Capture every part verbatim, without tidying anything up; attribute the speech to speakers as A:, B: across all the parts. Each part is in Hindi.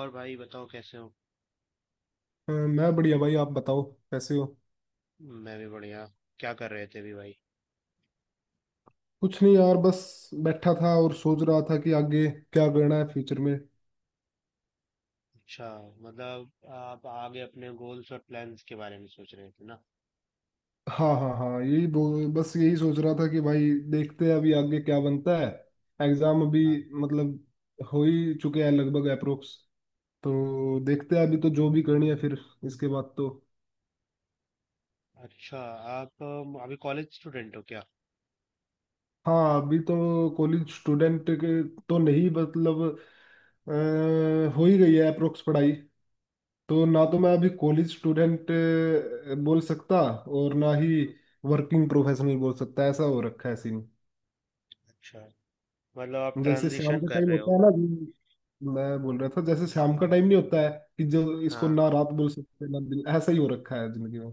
A: और भाई बताओ, कैसे हो।
B: अ, मैं बढ़िया भाई। आप बताओ कैसे हो।
A: मैं भी बढ़िया। क्या कर रहे थे अभी भाई।
B: कुछ नहीं यार, बस बैठा था और सोच रहा था कि आगे क्या करना है फ्यूचर में।
A: अच्छा। मतलब आप आगे अपने गोल्स और प्लान्स के बारे में सोच रहे थे ना।
B: हाँ हाँ हाँ, यही बो- बस यही सोच रहा था कि भाई देखते हैं अभी आगे क्या बनता है। एग्जाम अभी
A: हाँ।
B: मतलब हो ही चुके हैं लगभग अप्रोक्स, तो देखते हैं अभी। तो जो भी करनी है फिर इसके बाद तो।
A: अच्छा। आप अम, अभी कॉलेज स्टूडेंट हो क्या।
B: हाँ, अभी तो कॉलेज स्टूडेंट के तो नहीं मतलब अ, हो ही गई है अप्रोक्स पढ़ाई। तो ना तो मैं अभी कॉलेज स्टूडेंट बोल सकता और ना ही
A: हम्म,
B: वर्किंग प्रोफेशनल बोल सकता। ऐसा हो रखा है सीन।
A: अच्छा, मतलब आप
B: जैसे शाम
A: ट्रांजिशन
B: का
A: कर
B: टाइम
A: रहे
B: होता
A: हो।
B: है ना, जो मैं बोल रहा था, जैसे शाम का टाइम नहीं होता है कि जो इसको
A: हाँ।
B: ना रात बोल सकते ना दिन, ऐसा ही हो रखा है जिंदगी में।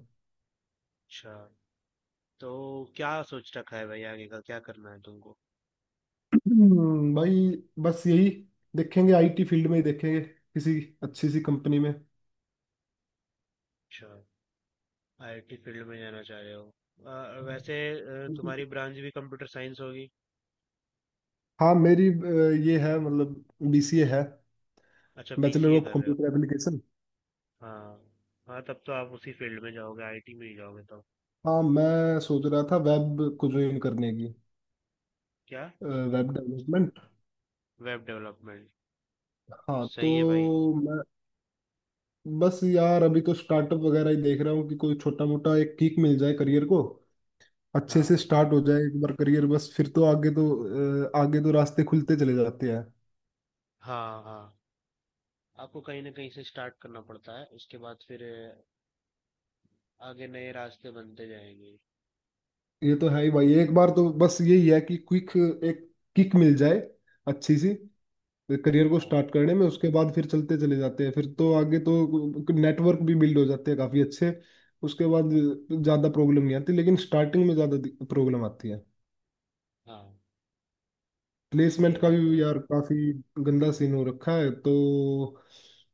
A: अच्छा। तो क्या सोच रखा है भाई, आगे का क्या करना है तुमको।
B: हम्म, भाई बस यही देखेंगे। आईटी फील्ड में ही देखेंगे किसी अच्छी सी कंपनी
A: अच्छा, आईटी फील्ड में जाना चाह रहे हो। अ, वैसे अ,
B: में।
A: तुम्हारी ब्रांच भी कंप्यूटर साइंस होगी।
B: हाँ, मेरी अ, ये है मतलब बीसीए है।
A: अच्छा,
B: बैचलर
A: बीसीए
B: ऑफ
A: कर रहे हो।
B: Computer application.
A: हाँ, हाँ तब तो आप उसी फील्ड में जाओगे, आईटी में ही जाओगे तो।
B: हाँ, मैं सोच रहा था वेब को ज्वाइन करने की।
A: क्या।
B: Web development.
A: Web development.
B: हाँ तो
A: सही है भाई।
B: मैं बस यार अभी तो स्टार्टअप वगैरह ही देख रहा हूँ कि कोई छोटा मोटा एक किक मिल जाए करियर को। अच्छे
A: हाँ,
B: से स्टार्ट हो जाए एक बार करियर, बस फिर तो आगे तो अ, आगे तो रास्ते खुलते चले जाते हैं।
A: हाँ, हाँ, आपको कहीं ना कहीं से स्टार्ट करना पड़ता है, उसके बाद फिर अ, आगे नए रास्ते बनते जाएंगे।
B: ये तो है ही भाई। एक बार तो बस यही है कि क्विक एक किक मिल जाए अच्छी सी करियर को
A: हाँ,
B: स्टार्ट करने में। उसके बाद फिर चलते चले जाते हैं, फिर तो आगे तो नेटवर्क भी बिल्ड हो जाते हैं काफ़ी अच्छे। उसके बाद ज़्यादा प्रॉब्लम नहीं आती, लेकिन स्टार्टिंग में ज़्यादा प्रॉब्लम आती है।
A: हाँ,
B: प्लेसमेंट
A: सही
B: का
A: बात बोल
B: भी
A: रहे
B: यार काफ़ी गंदा सीन हो रखा है, तो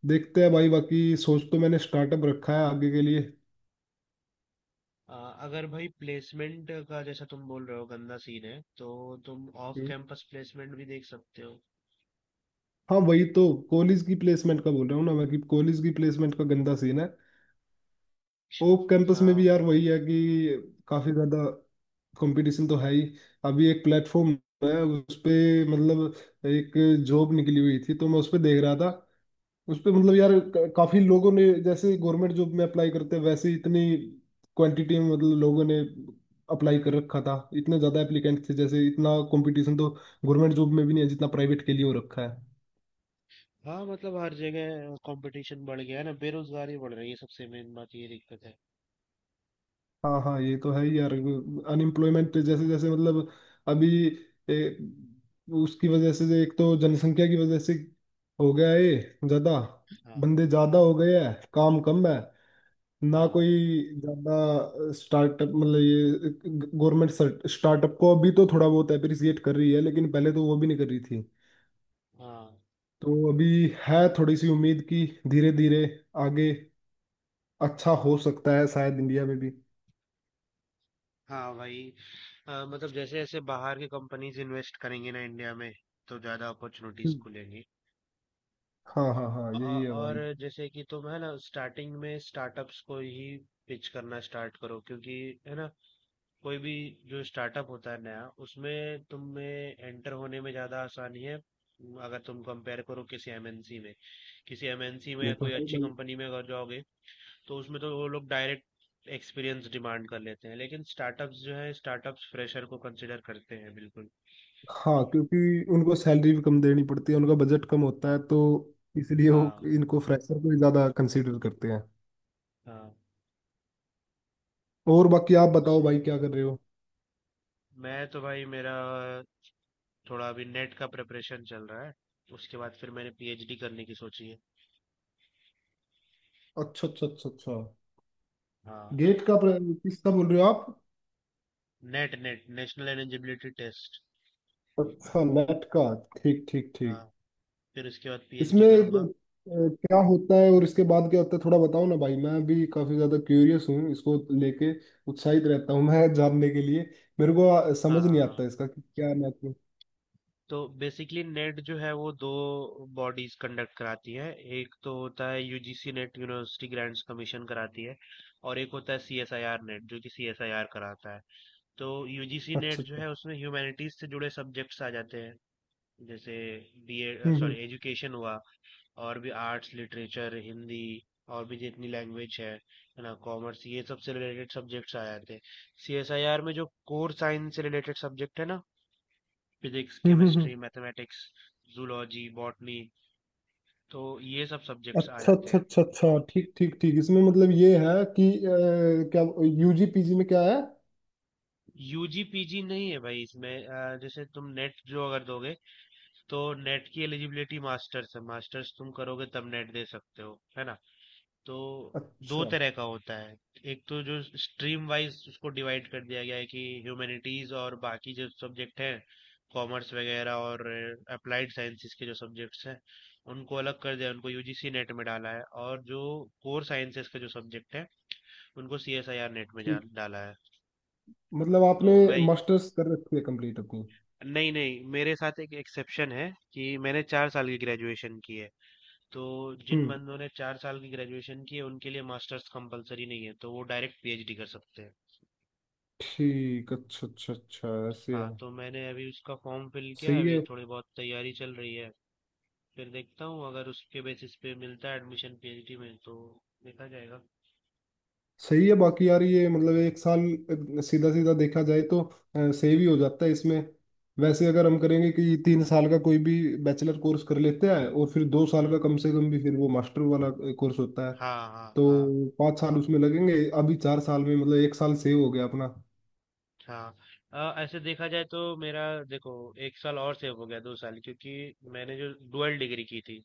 B: देखते हैं भाई। बाकी सोच तो मैंने स्टार्टअप रखा है आगे के लिए।
A: हो। अ, अगर भाई प्लेसमेंट का जैसा तुम बोल रहे हो गंदा सीन है, तो तुम ऑफ
B: हम्म।
A: कैंपस प्लेसमेंट भी देख सकते हो।
B: हाँ वही तो। कॉलेज की प्लेसमेंट का बोल रहा हूँ ना मैं कि कॉलेज की प्लेसमेंट का गंदा सीन है।
A: अच्छा।
B: ओप कैंपस में
A: हाँ।
B: भी यार वही है कि काफी ज्यादा कंपटीशन तो है ही। अभी एक प्लेटफॉर्म है उस पे, मतलब एक जॉब निकली हुई थी तो मैं उस पे देख रहा था। उस पे मतलब यार क- काफी लोगों ने, जैसे गवर्नमेंट जॉब में अप्लाई करते हैं वैसे ही, इतनी क्वांटिटी में मतलब लोगों ने अप्लाई कर रखा था। इतने ज्यादा एप्लीकेंट थे, जैसे इतना कंपटीशन तो गवर्नमेंट जॉब में भी नहीं है जितना प्राइवेट के लिए हो रखा है।
A: हाँ, मतलब हर जगह कंपटीशन बढ़ गया है ना, बेरोजगारी बढ़ रही है, सबसे मेन बात ये दिक्कत है।
B: हाँ हाँ, ये तो है ही यार। अनएम्प्लॉयमेंट जैसे जैसे मतलब अभी ए, उसकी वजह से, एक तो जनसंख्या की वजह से हो गया है ज्यादा,
A: हाँ।
B: बंदे ज्यादा हो गए हैं काम कम है। ना
A: हाँ।
B: कोई ज्यादा स्टार्टअप, मतलब ये गवर्नमेंट स्टार्टअप को अभी तो थोड़ा बहुत अप्रिसिएट कर रही है, लेकिन पहले तो वो भी नहीं कर रही थी।
A: हाँ।
B: तो अभी है थोड़ी सी उम्मीद कि धीरे धीरे आगे अच्छा हो सकता है शायद इंडिया में भी।
A: हाँ वही, अ, मतलब जैसे जैसे बाहर की कंपनीज इन्वेस्ट करेंगी ना इंडिया में, तो ज्यादा अपॉर्चुनिटीज
B: हम्म।
A: खुलेंगी।
B: हाँ हाँ हाँ, यही
A: अ-
B: है
A: और
B: भाई।
A: जैसे कि तुम, है ना, स्टार्टिंग में स्टार्टअप्स को ही पिच करना स्टार्ट करो, क्योंकि, है ना, कोई भी जो स्टार्टअप होता है नया उसमें तुम्हें एंटर होने में ज्यादा आसानी है। अगर तुम कंपेयर करो किसी एमएनसी में, किसी एमएनसी में
B: ये
A: या
B: तो
A: कोई
B: है
A: अच्छी
B: भाई।
A: कंपनी में अगर जाओगे तो उसमें तो वो लोग डायरेक्ट एक्सपीरियंस डिमांड कर लेते हैं, लेकिन स्टार्टअप्स जो है, स्टार्टअप्स फ्रेशर को कंसिडर करते हैं बिल्कुल।
B: हाँ, क्योंकि उनको सैलरी भी कम देनी पड़ती है, उनका बजट कम होता है,
A: हाँ।
B: तो इसलिए वो
A: हाँ।
B: इनको फ्रेशर को ही ज्यादा कंसीडर करते हैं।
A: हाँ,
B: और बाकी आप बताओ
A: सही।
B: भाई, क्या कर रहे हो।
A: मैं तो भाई, मेरा थोड़ा अभी नेट का प्रिपरेशन चल रहा है, उसके बाद फिर मैंने पीएचडी करने की सोची है।
B: अच्छा अच्छा अच्छा अच्छा।
A: हाँ।
B: गेट का प्र- किसका बोल रहे हो आप।
A: NET, NET national eligibility test.
B: अच्छा, नेट का। ठीक ठीक
A: हाँ,
B: ठीक।
A: फिर उसके बाद पीएचडी
B: इसमें
A: करूंगा।
B: अ, क्या होता है और इसके बाद क्या होता है, थोड़ा बताओ ना भाई। मैं भी काफी ज्यादा क्यूरियस हूँ इसको लेके, उत्साहित रहता हूँ मैं जानने के लिए। मेरे को अ,
A: हाँ,
B: समझ नहीं
A: हाँ
B: आता इसका कि क्या नेट।
A: तो बेसिकली नेट जो है वो दो बॉडीज कंडक्ट कराती है। एक तो होता है UGC NET, university grants commission कराती है, और एक होता है सीएसआईआर नेट जो कि सीएसआईआर कराता है। तो यूजीसी नेट
B: अच्छा
A: जो
B: अच्छा।
A: है उसमें ह्यूमैनिटीज से जुड़े सब्जेक्ट्स आ जाते हैं। जैसे बीए,
B: हम्म हम्म
A: सॉरी एजुकेशन हुआ, और भी आर्ट्स, लिटरेचर, हिंदी, और भी जितनी लैंग्वेज है है ना, कॉमर्स, ये सब से रिलेटेड सब्जेक्ट्स आ जाते हैं। सीएसआईआर में जो कोर साइंस से रिलेटेड सब्जेक्ट है ना, फिजिक्स,
B: हम्म, हम्म, हम्म।
A: केमिस्ट्री, मैथमेटिक्स, जूलॉजी, बॉटनी, तो ये सब सब्जेक्ट्स आ
B: अच्छा
A: जाते
B: अच्छा
A: हैं।
B: अच्छा अच्छा, ठीक ठीक ठीक। इसमें मतलब ये है कि अ, क्या यूजी पीजी में क्या है।
A: यूजी पीजी नहीं है भाई, इसमें अ, जैसे तुम नेट जो अगर दोगे, तो नेट की एलिजिबिलिटी मास्टर्स है, मास्टर्स तुम करोगे तब नेट दे सकते हो, है ना। तो दो
B: अच्छा
A: तरह का होता है। एक तो जो स्ट्रीम वाइज उसको डिवाइड कर दिया गया है कि ह्यूमैनिटीज और बाकी जो सब्जेक्ट हैं, कॉमर्स वगैरह, और अप्लाइड साइंसेज के जो सब्जेक्ट्स हैं, उनको अलग कर दिया, उनको यूजीसी नेट में डाला है, और जो कोर साइंसेज के जो सब्जेक्ट हैं उनको सीएसआईआर नेट में
B: ठीक।
A: जा- डाला है।
B: मतलब आपने
A: तो मैं,
B: मास्टर्स कर रखी है कंप्लीट अपनी।
A: नहीं नहीं, मेरे साथ एक एक्सेप्शन है कि मैंने चार साल की ग्रेजुएशन की है। तो जिन
B: हम्म
A: बंदों ने चार साल की ग्रेजुएशन की है उनके लिए मास्टर्स कंपलसरी नहीं है, तो वो डायरेक्ट पीएचडी कर सकते हैं।
B: ठीक। अच्छा अच्छा अच्छा ऐसे है।
A: हाँ, तो मैंने अभी उसका फॉर्म फिल किया है,
B: सही
A: अभी
B: है।
A: थोड़ी बहुत तैयारी चल रही है। फिर देखता हूँ, अगर उसके बेसिस पे मिलता है एडमिशन पीएचडी में, तो देखा जाएगा।
B: सही है। बाकी यार ये मतलब एक साल सीधा सीधा देखा जाए तो सेव ही हो जाता है इसमें। वैसे अगर हम करेंगे कि तीन साल का कोई भी बैचलर कोर्स कर लेते हैं, और फिर दो साल का
A: हम्म।
B: कम से कम भी फिर वो मास्टर वाला कोर्स होता है,
A: हाँ। हाँ। हाँ।
B: तो पाँच साल उसमें लगेंगे। अभी चार साल में मतलब एक साल सेव हो गया अपना।
A: हाँ अ, ऐसे देखा जाए तो मेरा, देखो, एक साल और सेव हो गया, दो साल, क्योंकि मैंने जो डुअल डिग्री की थी,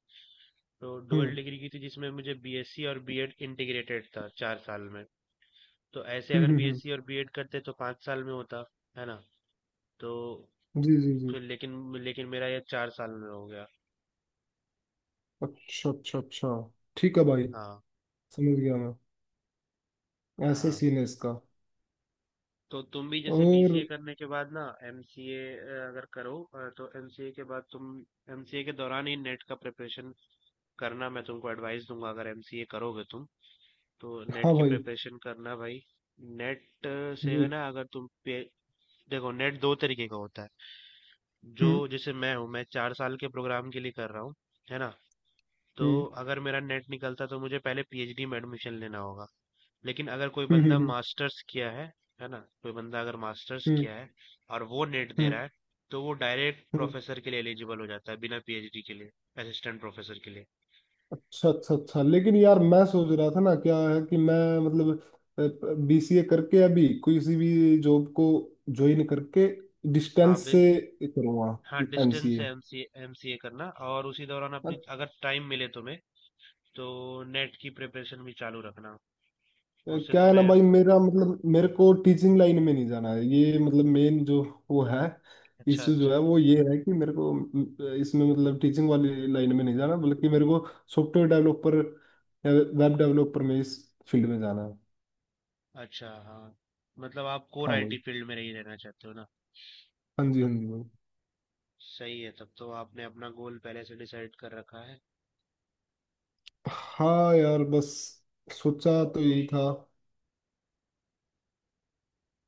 A: तो डुअल
B: हम्म
A: डिग्री की थी जिसमें मुझे बीएससी और बीएड इंटीग्रेटेड था चार साल में। तो ऐसे
B: हम्म
A: अगर
B: हम्म हम्म,
A: बीएससी और बीएड करते तो पाँच साल में होता, है ना। तो
B: जी जी जी।
A: फिर, लेकिन लेकिन मेरा ये चार साल में हो गया।
B: अच्छा अच्छा अच्छा। ठीक है भाई,
A: हाँ।
B: समझ गया मैं। ऐसे
A: हाँ,
B: सीन है इसका।
A: तो तुम भी जैसे
B: और
A: बीसीए करने के बाद ना, एमसीए अगर करो, अ, तो एमसीए के बाद तुम, एमसीए के दौरान ही नेट का प्रिपरेशन करना, मैं तुमको एडवाइस दूंगा। अगर एमसीए करोगे तुम, तो नेट
B: हाँ
A: की
B: भाई।
A: प्रिपरेशन करना भाई। नेट से, है
B: जी।
A: ना, अगर तुम पे- देखो, नेट दो तरीके का होता है। जो
B: हम्म
A: जैसे मैं हूँ, मैं चार साल के प्रोग्राम के लिए कर रहा हूँ, है ना। तो
B: हम्म
A: अगर मेरा नेट निकलता तो मुझे पहले पीएचडी में एडमिशन लेना होगा। लेकिन अगर कोई
B: हम्म हम्म
A: बंदा
B: हम्म
A: मास्टर्स किया है है ना, कोई बंदा अगर मास्टर्स
B: हम्म
A: किया है और वो नेट दे रहा
B: हम्म,
A: है, तो वो डायरेक्ट
B: हम्म।
A: प्रोफेसर के लिए एलिजिबल हो जाता है, बिना पीएचडी के लिए, असिस्टेंट प्रोफेसर के लिए।
B: अच्छा अच्छा अच्छा। लेकिन यार मैं सोच रहा था ना, क्या है कि मैं मतलब बीसीए करके अभी किसी भी जॉब को ज्वाइन करके
A: हाँ
B: डिस्टेंस
A: बिल
B: से करूँगा
A: हाँ, डिस्टेंस से
B: एमसीए।
A: एमसीए, एमसीए करना, और उसी दौरान अपनी, अगर टाइम मिले तुम्हें, तो नेट की प्रिपरेशन भी चालू रखना, उससे
B: क्या है ना
A: तुम्हें।
B: भाई, मेरा मतलब मेरे को टीचिंग लाइन में नहीं जाना है, ये मतलब मेन जो वो है
A: अच्छा,
B: इशू जो
A: अच्छा,
B: है, वो ये है कि मेरे को अ, इसमें मतलब टीचिंग वाली लाइन में नहीं जाना, बल्कि मेरे को सॉफ्टवेयर डेवलपर वेब डेवलपर में, इस फील्ड में जाना है।
A: अच्छा। हाँ, मतलब आप कोर
B: हाँ भाई।
A: आईटी फील्ड में ही रहना चाहते हो ना।
B: हाँ जी हाँ जी भाई।
A: सही है, तब तो आपने अपना गोल पहले से डिसाइड कर रखा है।
B: हाँ यार बस सोचा तो यही था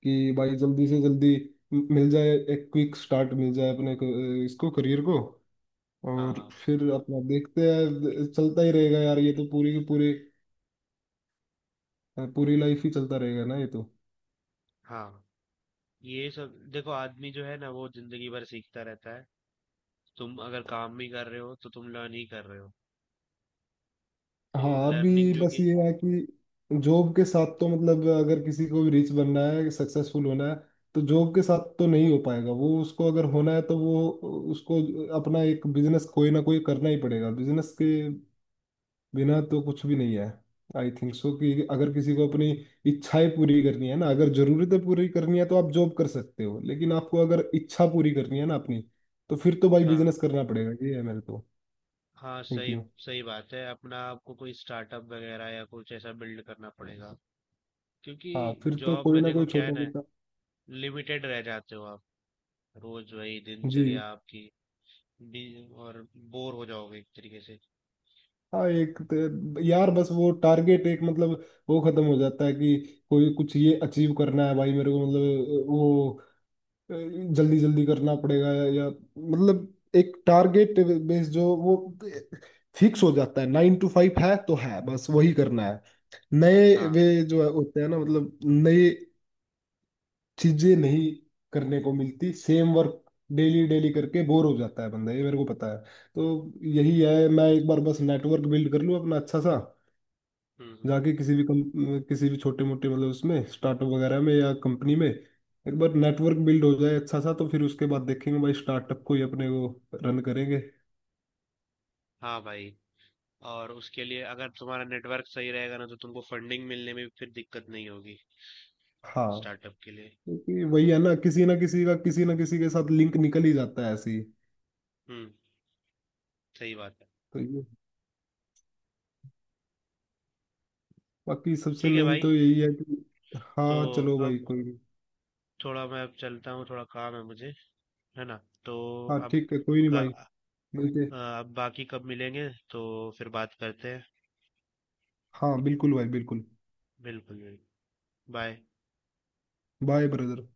B: कि भाई जल्दी से जल्दी म- मिल जाए, एक क्विक स्टार्ट मिल जाए अपने को, इसको करियर को।
A: हाँ,
B: और
A: हाँ,
B: फिर अपना देखते हैं चलता ही रहेगा यार, ये तो पूरी की पूरी पूरी लाइफ ही चलता रहेगा ना ये तो।
A: हाँ, ये सब देखो, आदमी जो है ना वो जिंदगी भर सीखता रहता है। तुम अगर काम भी कर रहे हो तो तुम लर्न ही कर रहे हो। तो
B: हाँ, अभी
A: लर्निंग जो
B: बस
A: कि,
B: ये है कि जॉब के साथ तो मतलब अगर किसी को भी रिच बनना है सक्सेसफुल होना है, तो जॉब के साथ तो नहीं हो पाएगा वो, उसको अगर होना है तो वो उसको अपना एक बिजनेस कोई ना कोई करना ही पड़ेगा। बिजनेस के बिना तो कुछ भी नहीं है। आई थिंक सो कि अगर किसी को अपनी इच्छाएं पूरी करनी है ना, अगर जरूरतें पूरी करनी है तो आप जॉब कर सकते हो, लेकिन आपको अगर इच्छा पूरी करनी है ना अपनी, तो फिर तो भाई
A: हाँ,
B: बिजनेस करना पड़ेगा। ये है मेरे तो
A: हाँ सही,
B: थिंकिंग।
A: सही बात है, अपना आपको कोई स्टार्टअप वगैरह या कुछ ऐसा बिल्ड करना पड़ेगा क्योंकि
B: हाँ, फिर तो
A: जॉब
B: कोई
A: में
B: ना
A: देखो
B: कोई
A: क्या है
B: छोटा
A: ना,
B: मोटा।
A: लिमिटेड रह जाते हो आप, रोज वही
B: जी
A: दिनचर्या आपकी भी, और बोर हो जाओगे एक तरीके से।
B: हाँ। एक तो- यार बस वो टारगेट एक मतलब वो खत्म हो जाता है कि कोई कुछ ये अचीव करना है भाई मेरे को, मतलब वो जल्दी जल्दी करना पड़ेगा। या मतलब एक टारगेट बेस जो वो फिक्स हो जाता है, नाइन टू फाइव है तो है, बस वही करना है। नए
A: हाँ।
B: वे जो है होते हैं ना, मतलब नए चीजें नहीं करने को मिलती, सेम वर्क डेली डेली करके बोर हो जाता है बंदा, ये मेरे को पता है। तो यही
A: हम्म।
B: है, मैं एक बार बस नेटवर्क बिल्ड कर लूँ अपना अच्छा सा,
A: हम्म। हम्म।
B: जाके किसी भी कम, किसी भी छोटे मोटे मतलब उसमें स्टार्टअप वगैरह में या कंपनी में। एक बार नेटवर्क बिल्ड हो जाए अच्छा सा तो फिर उसके बाद देखेंगे भाई, स्टार्टअप को ही अपने वो रन करेंगे।
A: हाँ भाई, और उसके लिए अगर तुम्हारा नेटवर्क सही रहेगा ना, तो तुमको फंडिंग मिलने में भी फिर दिक्कत नहीं होगी
B: हाँ,
A: स्टार्टअप के लिए।
B: क्योंकि वही है ना, किसी ना किसी का किसी ना किसी के साथ लिंक निकल ही जाता है ऐसे ही।
A: हम्म, सही बात है।
B: तो ये बाकी सबसे
A: ठीक है
B: मेन
A: भाई।
B: तो यही है कि।
A: तो
B: हाँ चलो भाई
A: अब
B: कोई नहीं।
A: थोड़ा, मैं अब चलता हूँ, थोड़ा काम है मुझे, है ना। तो
B: हाँ
A: अब
B: ठीक है कोई नहीं
A: का
B: भाई। मिलते।
A: अब बाकी कब मिलेंगे तो फिर बात करते हैं।
B: हाँ बिल्कुल भाई बिल्कुल।
A: बिल्कुल, बिल्कुल। बाय।
B: Bye brother.